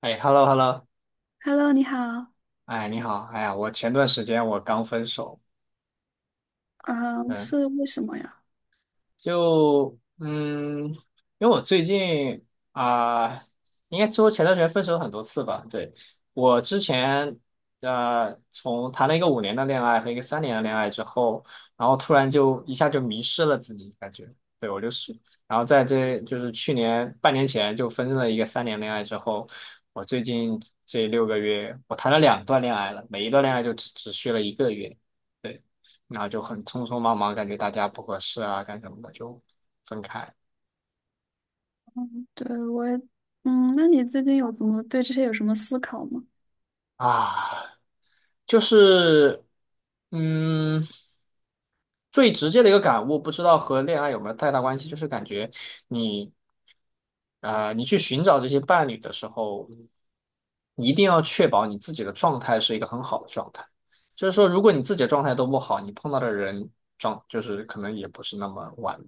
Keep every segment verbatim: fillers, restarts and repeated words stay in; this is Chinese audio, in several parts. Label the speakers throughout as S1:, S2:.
S1: 哎，hello hello，
S2: Hello，你好。
S1: 哎，你好，哎呀，我前段时间我刚分手。
S2: 嗯，
S1: 嗯，
S2: 是为什么呀？
S1: 就嗯，因为我最近啊、应该说前段时间分手很多次吧。对，我之前呃，从谈了一个五年的恋爱和一个三年的恋爱之后，然后突然就一下就迷失了自己。感觉对我就是，然后在这就是去年半年前就分了一个三年恋爱之后，我最近这六个月我谈了两段恋爱了，每一段恋爱就只只续了一个月。然后就很匆匆忙忙，感觉大家不合适啊，干什么的就分开
S2: 嗯，对，我也，嗯，那你最近有怎么对这些有什么思考吗？
S1: 啊。就是嗯，最直接的一个感悟，不知道和恋爱有没有太大关系，就是感觉你呃，你去寻找这些伴侣的时候，一定要确保你自己的状态是一个很好的状态。就是说，如果你自己的状态都不好，你碰到的人状就是可能也不是那么完美。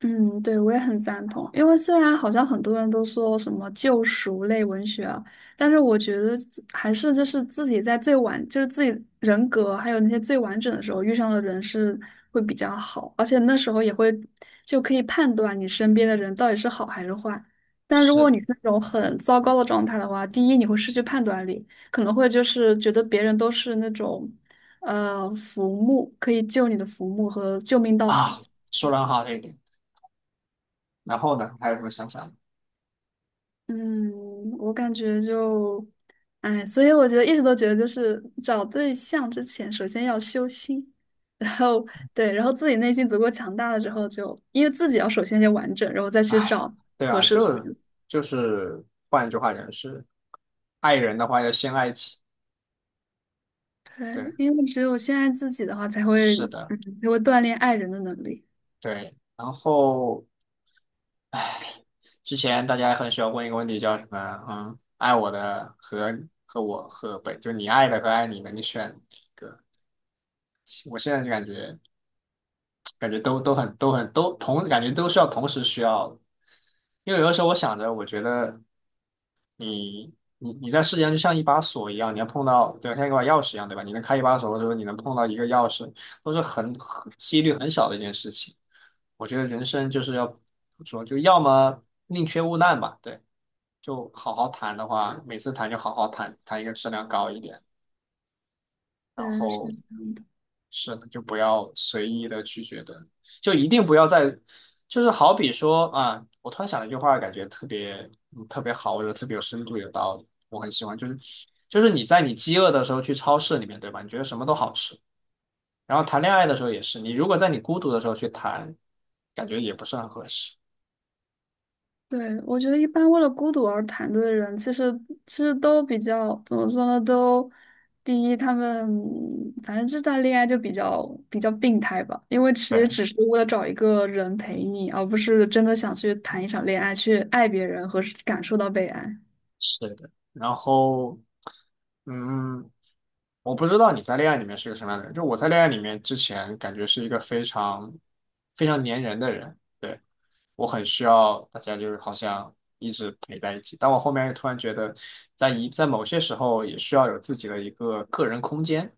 S2: 嗯，对，我也很赞同。因为虽然好像很多人都说什么救赎类文学啊，但是我觉得自还是就是自己在最完，就是自己人格还有那些最完整的时候遇上的人是会比较好，而且那时候也会就可以判断你身边的人到底是好还是坏。但如
S1: 是
S2: 果
S1: 的
S2: 你是那种很糟糕的状态的话，第一你会失去判断力，可能会就是觉得别人都是那种呃浮木，可以救你的浮木和救命稻
S1: 啊，
S2: 草。
S1: 说得很好这一点。然后呢，还有什么想讲的。
S2: 嗯，我感觉就，哎，所以我觉得一直都觉得，就是找对象之前，首先要修心，然后对，然后自己内心足够强大了之后就，因为自己要首先先完整，然后再去
S1: 哎，
S2: 找
S1: 对
S2: 合
S1: 啊，
S2: 适的
S1: 就
S2: 人。
S1: 就是换一句话讲是，爱人的话要先爱己。
S2: 对，
S1: 对，
S2: 因为只有先爱自己的话，才会，
S1: 是的，
S2: 嗯，才会锻炼爱人的能力。
S1: 对。然后，哎，之前大家很喜欢问一个问题，叫什么？嗯，爱我的和和我和本，就你爱的和爱你的，你选。我现在就感觉感觉都都很都很都同，感觉都是要同时需要的。因为有的时候我想着，我觉得。你你在世界上就像一把锁一样，你能碰到，对，像一把钥匙一样，对吧？你能开一把锁，或者说你能碰到一个钥匙，都是很很几率很小的一件事情。我觉得人生就是要怎么说，就要么宁缺毋滥吧，对，就好好谈的话，每次谈就好好谈，谈一个质量高一点。
S2: 对，是这样的。
S1: 是的，就不要随意的去觉得，就一定不要在，就是好比说啊，我突然想了一句话，感觉特别嗯特别好，我觉得特别有深度，有道理，我很喜欢。就是就是你在你饥饿的时候去超市里面，对吧？你觉得什么都好吃，然后谈恋爱的时候也是，你如果在你孤独的时候去谈，感觉也不是很合适。
S2: 对，我觉得一般为了孤独而谈的人，其实其实都比较怎么说呢？都第一，他们反正这段恋爱就比较比较病态吧，因为其实
S1: 对，
S2: 只是为了找一个人陪你，而不是真的想去谈一场恋爱，去爱别人和感受到被爱。
S1: 是的。然后，嗯，我不知道你在恋爱里面是个什么样的人，就我在恋爱里面之前感觉是一个非常非常粘人的人，对，我很需要大家就是好像一直陪在一起，但我后面突然觉得在一在某些时候也需要有自己的一个个人空间，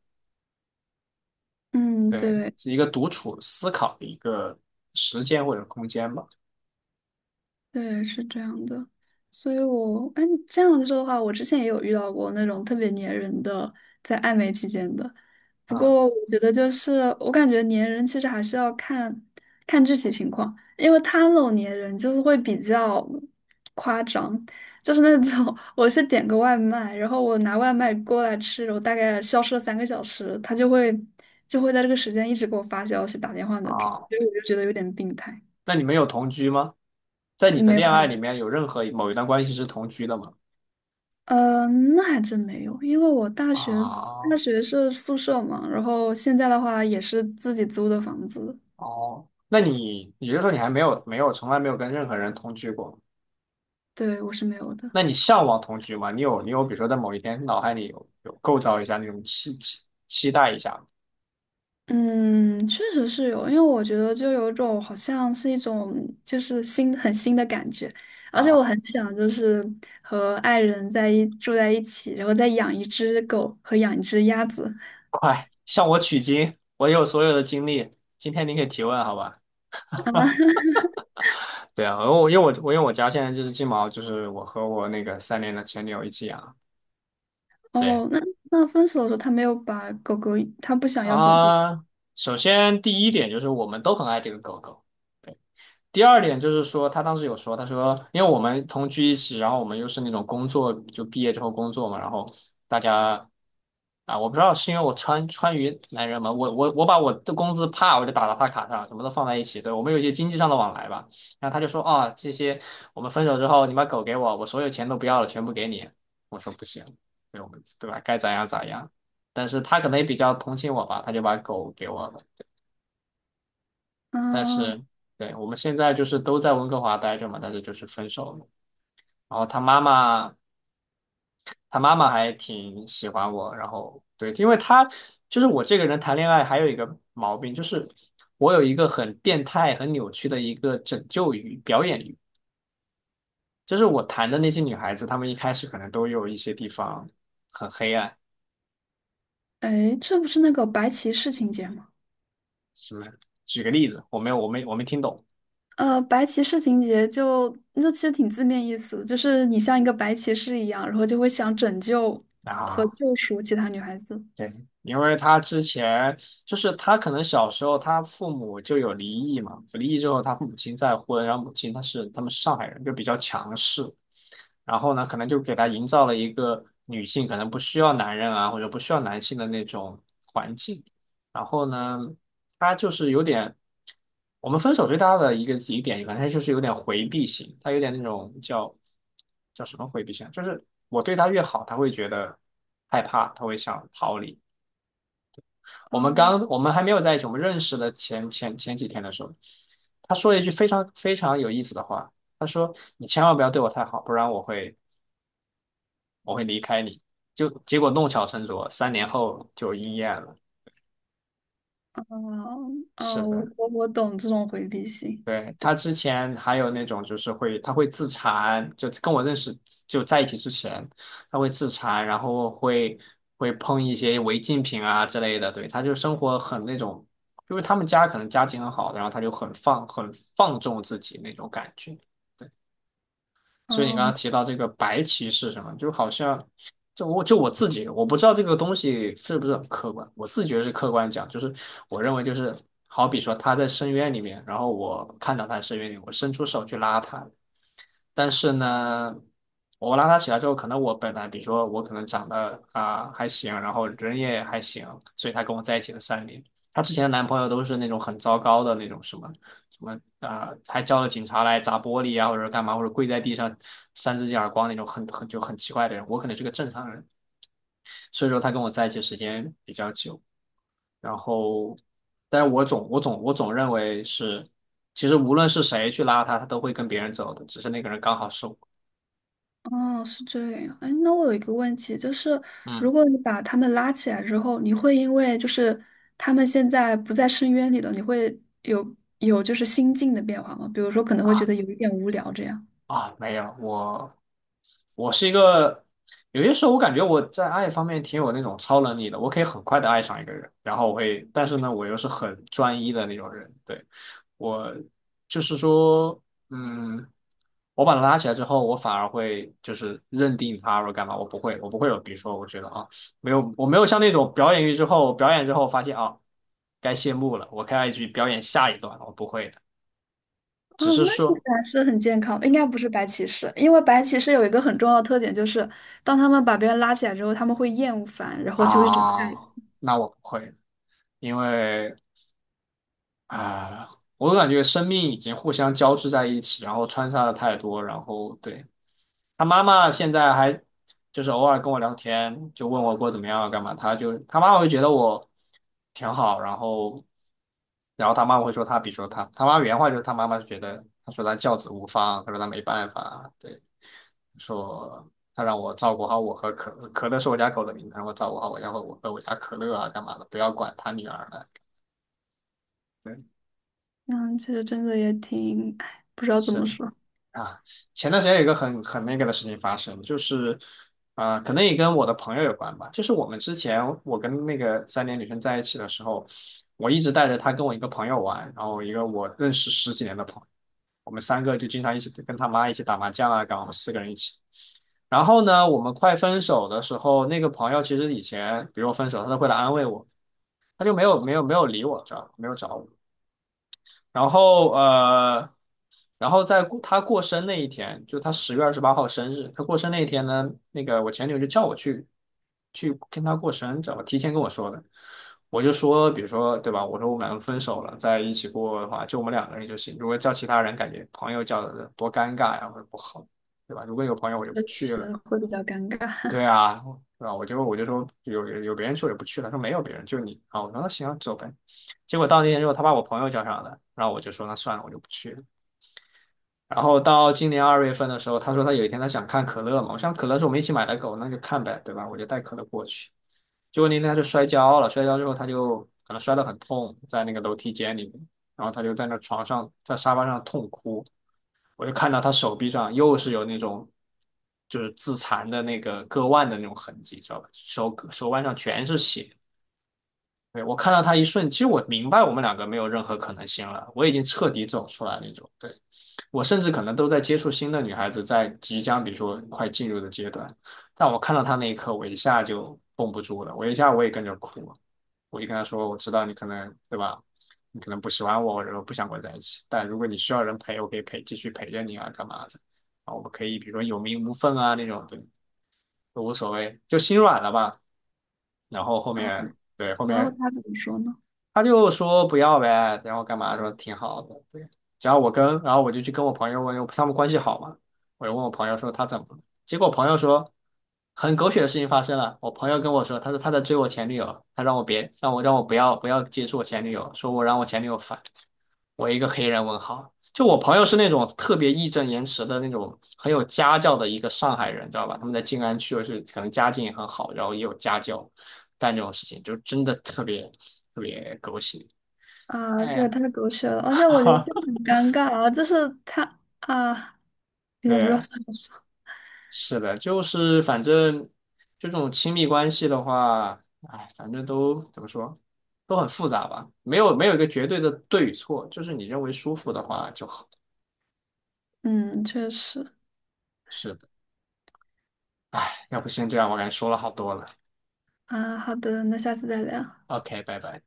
S2: 嗯，
S1: 对，
S2: 对。
S1: 是一个独处思考的一个时间或者空间吧。
S2: 对，是这样的，所以我，哎，这样子说的话，我之前也有遇到过那种特别粘人的，在暧昧期间的。不
S1: 啊
S2: 过，我觉得就是，我感觉粘人其实还是要看看具体情况，因为他那种粘人就是会比较夸张，就是那种 我去点个外卖，然后我拿外卖过来吃，我大概消失了三个小时，他就会就会在这个时间一直给我发消息、打电话那种，
S1: 啊，
S2: 所以我就觉得有点病态。
S1: 那你们有同居吗？在你
S2: 嗯，
S1: 的
S2: 没有，
S1: 恋
S2: 没
S1: 爱里
S2: 有。
S1: 面有任何某一段关系是同居的吗？
S2: 呃，那还真没有，因为我大学
S1: 啊，
S2: 大学是宿舍嘛，然后现在的话也是自己租的房子。
S1: 哦，那你也就是说你还没有没有从来没有跟任何人同居过？
S2: 对，我是没有的。
S1: 那你向往同居吗？你有你有比如说在某一天脑海里有有构造一下那种期期期待一下
S2: 嗯，确实是有，因为我觉得就有一种好像是一种就是新很新的感觉，
S1: 吗
S2: 而且我
S1: 啊，
S2: 很想就是和爱人在一住在一起，然后再养一只狗和养一只鸭子。
S1: 快向我取经，我有所有的经历，今天你可以提问好吧？对啊，我因为我我因为我家现在就是金毛，就是我和我那个三年的前女友一起养。对
S2: 哦，那那分手的时候他没有把狗狗，他不想要狗狗
S1: 啊，首先第一点就是我们都很爱这个狗狗。对。第二点就是说，他当时有说，他说，因为我们同居一起，然后我们又是那种工作，就毕业之后工作嘛，然后大家啊，我不知道是因为我川川渝男人嘛，我我我把我的工资啪我就打到他卡上，什么都放在一起，对，我们有一些经济上的往来吧。然后他就说啊，这些我们分手之后，你把狗给我，我所有钱都不要了，全部给你。我说不行，对我们对吧？该咋样咋样。但是他可能也比较同情我吧，他就把狗给我了。但
S2: 啊？
S1: 是对我们现在就是都在温哥华待着嘛，但是就是分手了。然后他妈妈，他妈妈还挺喜欢我，然后对，因为他就是我这个人谈恋爱还有一个毛病，就是我有一个很变态、很扭曲的一个拯救欲、表演欲，就是我谈的那些女孩子，她们一开始可能都有一些地方很黑暗。
S2: 哎，这不是那个白骑士情节吗？
S1: 什么？举个例子，我没有，我没我没听懂
S2: 呃，白骑士情节就那其实挺字面意思，就是你像一个白骑士一样，然后就会想拯救和
S1: 啊。
S2: 救赎其他女孩子。
S1: 对，因为他之前就是他可能小时候他父母就有离异嘛，离异之后他母亲再婚，然后母亲她是他们是上海人，就比较强势，然后呢可能就给他营造了一个女性可能不需要男人啊或者不需要男性的那种环境，然后呢他就是有点。我们分手最大的一个疑点，反正就是有点回避型，他有点那种叫叫什么回避型啊，就是我对他越好，他会觉得害怕，他会想逃离。我们
S2: 哦
S1: 刚我们还没有在一起，我们认识的前前前几天的时候，他说了一句非常非常有意思的话，他说："你千万不要对我太好，不然我会我会离开你。"就结果弄巧成拙，三年后就应验了。
S2: 哦
S1: 是
S2: 哦，
S1: 的。
S2: 我我我懂这种回避性。
S1: 对，他之前还有那种就是会，他会自残，就跟我认识就在一起之前，他会自残，然后会会碰一些违禁品啊之类的。对，他就生活很那种，因为他们家可能家境很好的，然后他就很放很放纵自己那种感觉。对。所以你刚刚
S2: 哦
S1: 提到这个白棋是什么，就好像就我就我自己，我不知道这个东西是不是很客观，我自己觉得是客观讲，就是我认为就是好比说他在深渊里面，然后我看到他深渊里，我伸出手去拉他，但是呢，我拉他起来之后，可能我本来比如说我可能长得啊、还行，然后人也还行，所以她跟我在一起了三年。她之前的男朋友都是那种很糟糕的那种什么什么啊、还叫了警察来砸玻璃啊，或者干嘛，或者跪在地上扇自己耳光那种很很就很奇怪的人。我可能是个正常人，所以说她跟我在一起时间比较久。然后，但是我总我总我总认为是，其实无论是谁去拉她，她都会跟别人走的，只是那个人刚好是我。
S2: 哦，是这样。哎，那我有一个问题，就是
S1: 嗯。
S2: 如果你把他们拉起来之后，你会因为就是他们现在不在深渊里了，你会有有就是心境的变化吗？比如说可能会觉
S1: 啊
S2: 得有一点无聊这样。
S1: 啊，没有，我我是一个，有些时候我感觉我在爱方面挺有那种超能力的，我可以很快的爱上一个人，然后我会，但是呢，我又是很专一的那种人，对，我就是说，嗯，我把他拉起来之后，我反而会就是认定他或者干嘛，我不会，我不会有，比如说，我觉得啊，没有，我没有像那种表演欲之后，表演之后发现啊，该谢幕了，我开该去表演下一段了我不会的，只
S2: 哦，
S1: 是
S2: 那其实
S1: 说。
S2: 还是很健康的，应该不是白骑士，因为白骑士有一个很重要的特点，就是当他们把别人拉起来之后，他们会厌恶烦，然后就会找
S1: 啊，
S2: 事。
S1: 那我不会的。因为啊、我感觉生命已经互相交织在一起，然后穿插的太多，然后对。他妈妈现在还就是偶尔跟我聊天，就问我过怎么样啊干嘛。他就他妈妈会觉得我挺好。然后然后他妈妈会说他，比如说他，他妈原话就是他妈妈就觉得，他说他教子无方，他说他没办法，对。说他让我照顾好我和可乐，可乐是我家狗的名字，让我照顾好我家和我和我家可乐啊，干嘛的，不要管他女儿了。对，
S2: 嗯，其实真的也挺，唉，不知道怎
S1: 是
S2: 么
S1: 的
S2: 说。
S1: 啊。前段时间有一个很很那个的事情发生，就是啊、呃可能也跟我的朋友有关吧。就是我们之前我跟那个三年女生在一起的时候，我一直带着她跟我一个朋友玩，然后一个我认识十几年的朋友。我们三个就经常一起跟他妈一起打麻将啊，干嘛？我们四个人一起。然后呢，我们快分手的时候，那个朋友其实以前，比如我分手，他都会来安慰我，他就没有没有没有理我，知道吧？没有找我。然后呃，然后在过他过生那一天，就他十月二十八号生日，他过生那一天呢，那个我前女友就叫我去去跟他过生，知道吧？提前跟我说的。我就说，比如说对吧？我说我们两个分手了，在一起过的话，就我们两个人就行。如果叫其他人，感觉朋友叫的多尴尬呀，或者不好，对吧？如果有朋友，我就不
S2: 确
S1: 去了。
S2: 实会比较尴尬。
S1: 对啊，对吧？我就我就说有有别人去我就不去了，说没有别人，就你啊。我说那行啊走呗。结果到那天之后，他把我朋友叫上了，然后我就说那算了，我就不去了。然后到今年二月份的时候，他说他有一天他想看可乐嘛，我想可乐是我们一起买的狗，那就看呗，对吧？我就带可乐过去。结果那天他就摔跤了，摔跤之后他就可能摔得很痛，在那个楼梯间里面，然后他就在那床上在沙发上痛哭。我就看到他手臂上又是有那种就是自残的那个割腕的那种痕迹，知道吧？手手腕上全是血，对，我看到他一瞬，其实我明白我们两个没有任何可能性了，我已经彻底走出来那种。对，我甚至可能都在接触新的女孩子，在即将比如说快进入的阶段，但我看到他那一刻，我一下就绷不住了，我一下我也跟着哭了，我就跟他说，我知道你可能对吧，你可能不喜欢我，然后不想跟我在一起，但如果你需要人陪，我可以陪，继续陪着你啊，干嘛的？啊，我们可以比如说有名无分啊那种，对，都无所谓，就心软了吧。然后后
S2: 啊，
S1: 面，对，后
S2: 然后
S1: 面
S2: 他怎么说呢？
S1: 他就说不要呗，然后干嘛说挺好的，对。然后我跟，然后我就去跟我朋友问，因为他们关系好嘛，我就问我朋友说他怎么了，结果我朋友说很狗血的事情发生了，我朋友跟我说，他说他在追我前女友，他让我别让我让我不要不要接触我前女友，说我让我前女友烦。我一个黑人问号，就我朋友是那种特别义正言辞的那种很有家教的一个上海人，知道吧？他们在静安区，就是可能家境也很好，然后也有家教，但这种事情就真的特别特别狗血。
S2: 啊，这也
S1: 哎，
S2: 太狗血了，而且我觉得
S1: 哈，
S2: 这很尴尬啊，就是他啊，有点不知道
S1: 对，
S2: 怎么说。
S1: 是的，就是反正这种亲密关系的话，哎，反正都怎么说，都很复杂吧，没有没有一个绝对的对与错，就是你认为舒服的话就好。
S2: 嗯，确实。
S1: 是的，哎，要不先这样，我感觉说了好多了。
S2: 啊，好的，那下次再聊。
S1: O K，拜拜。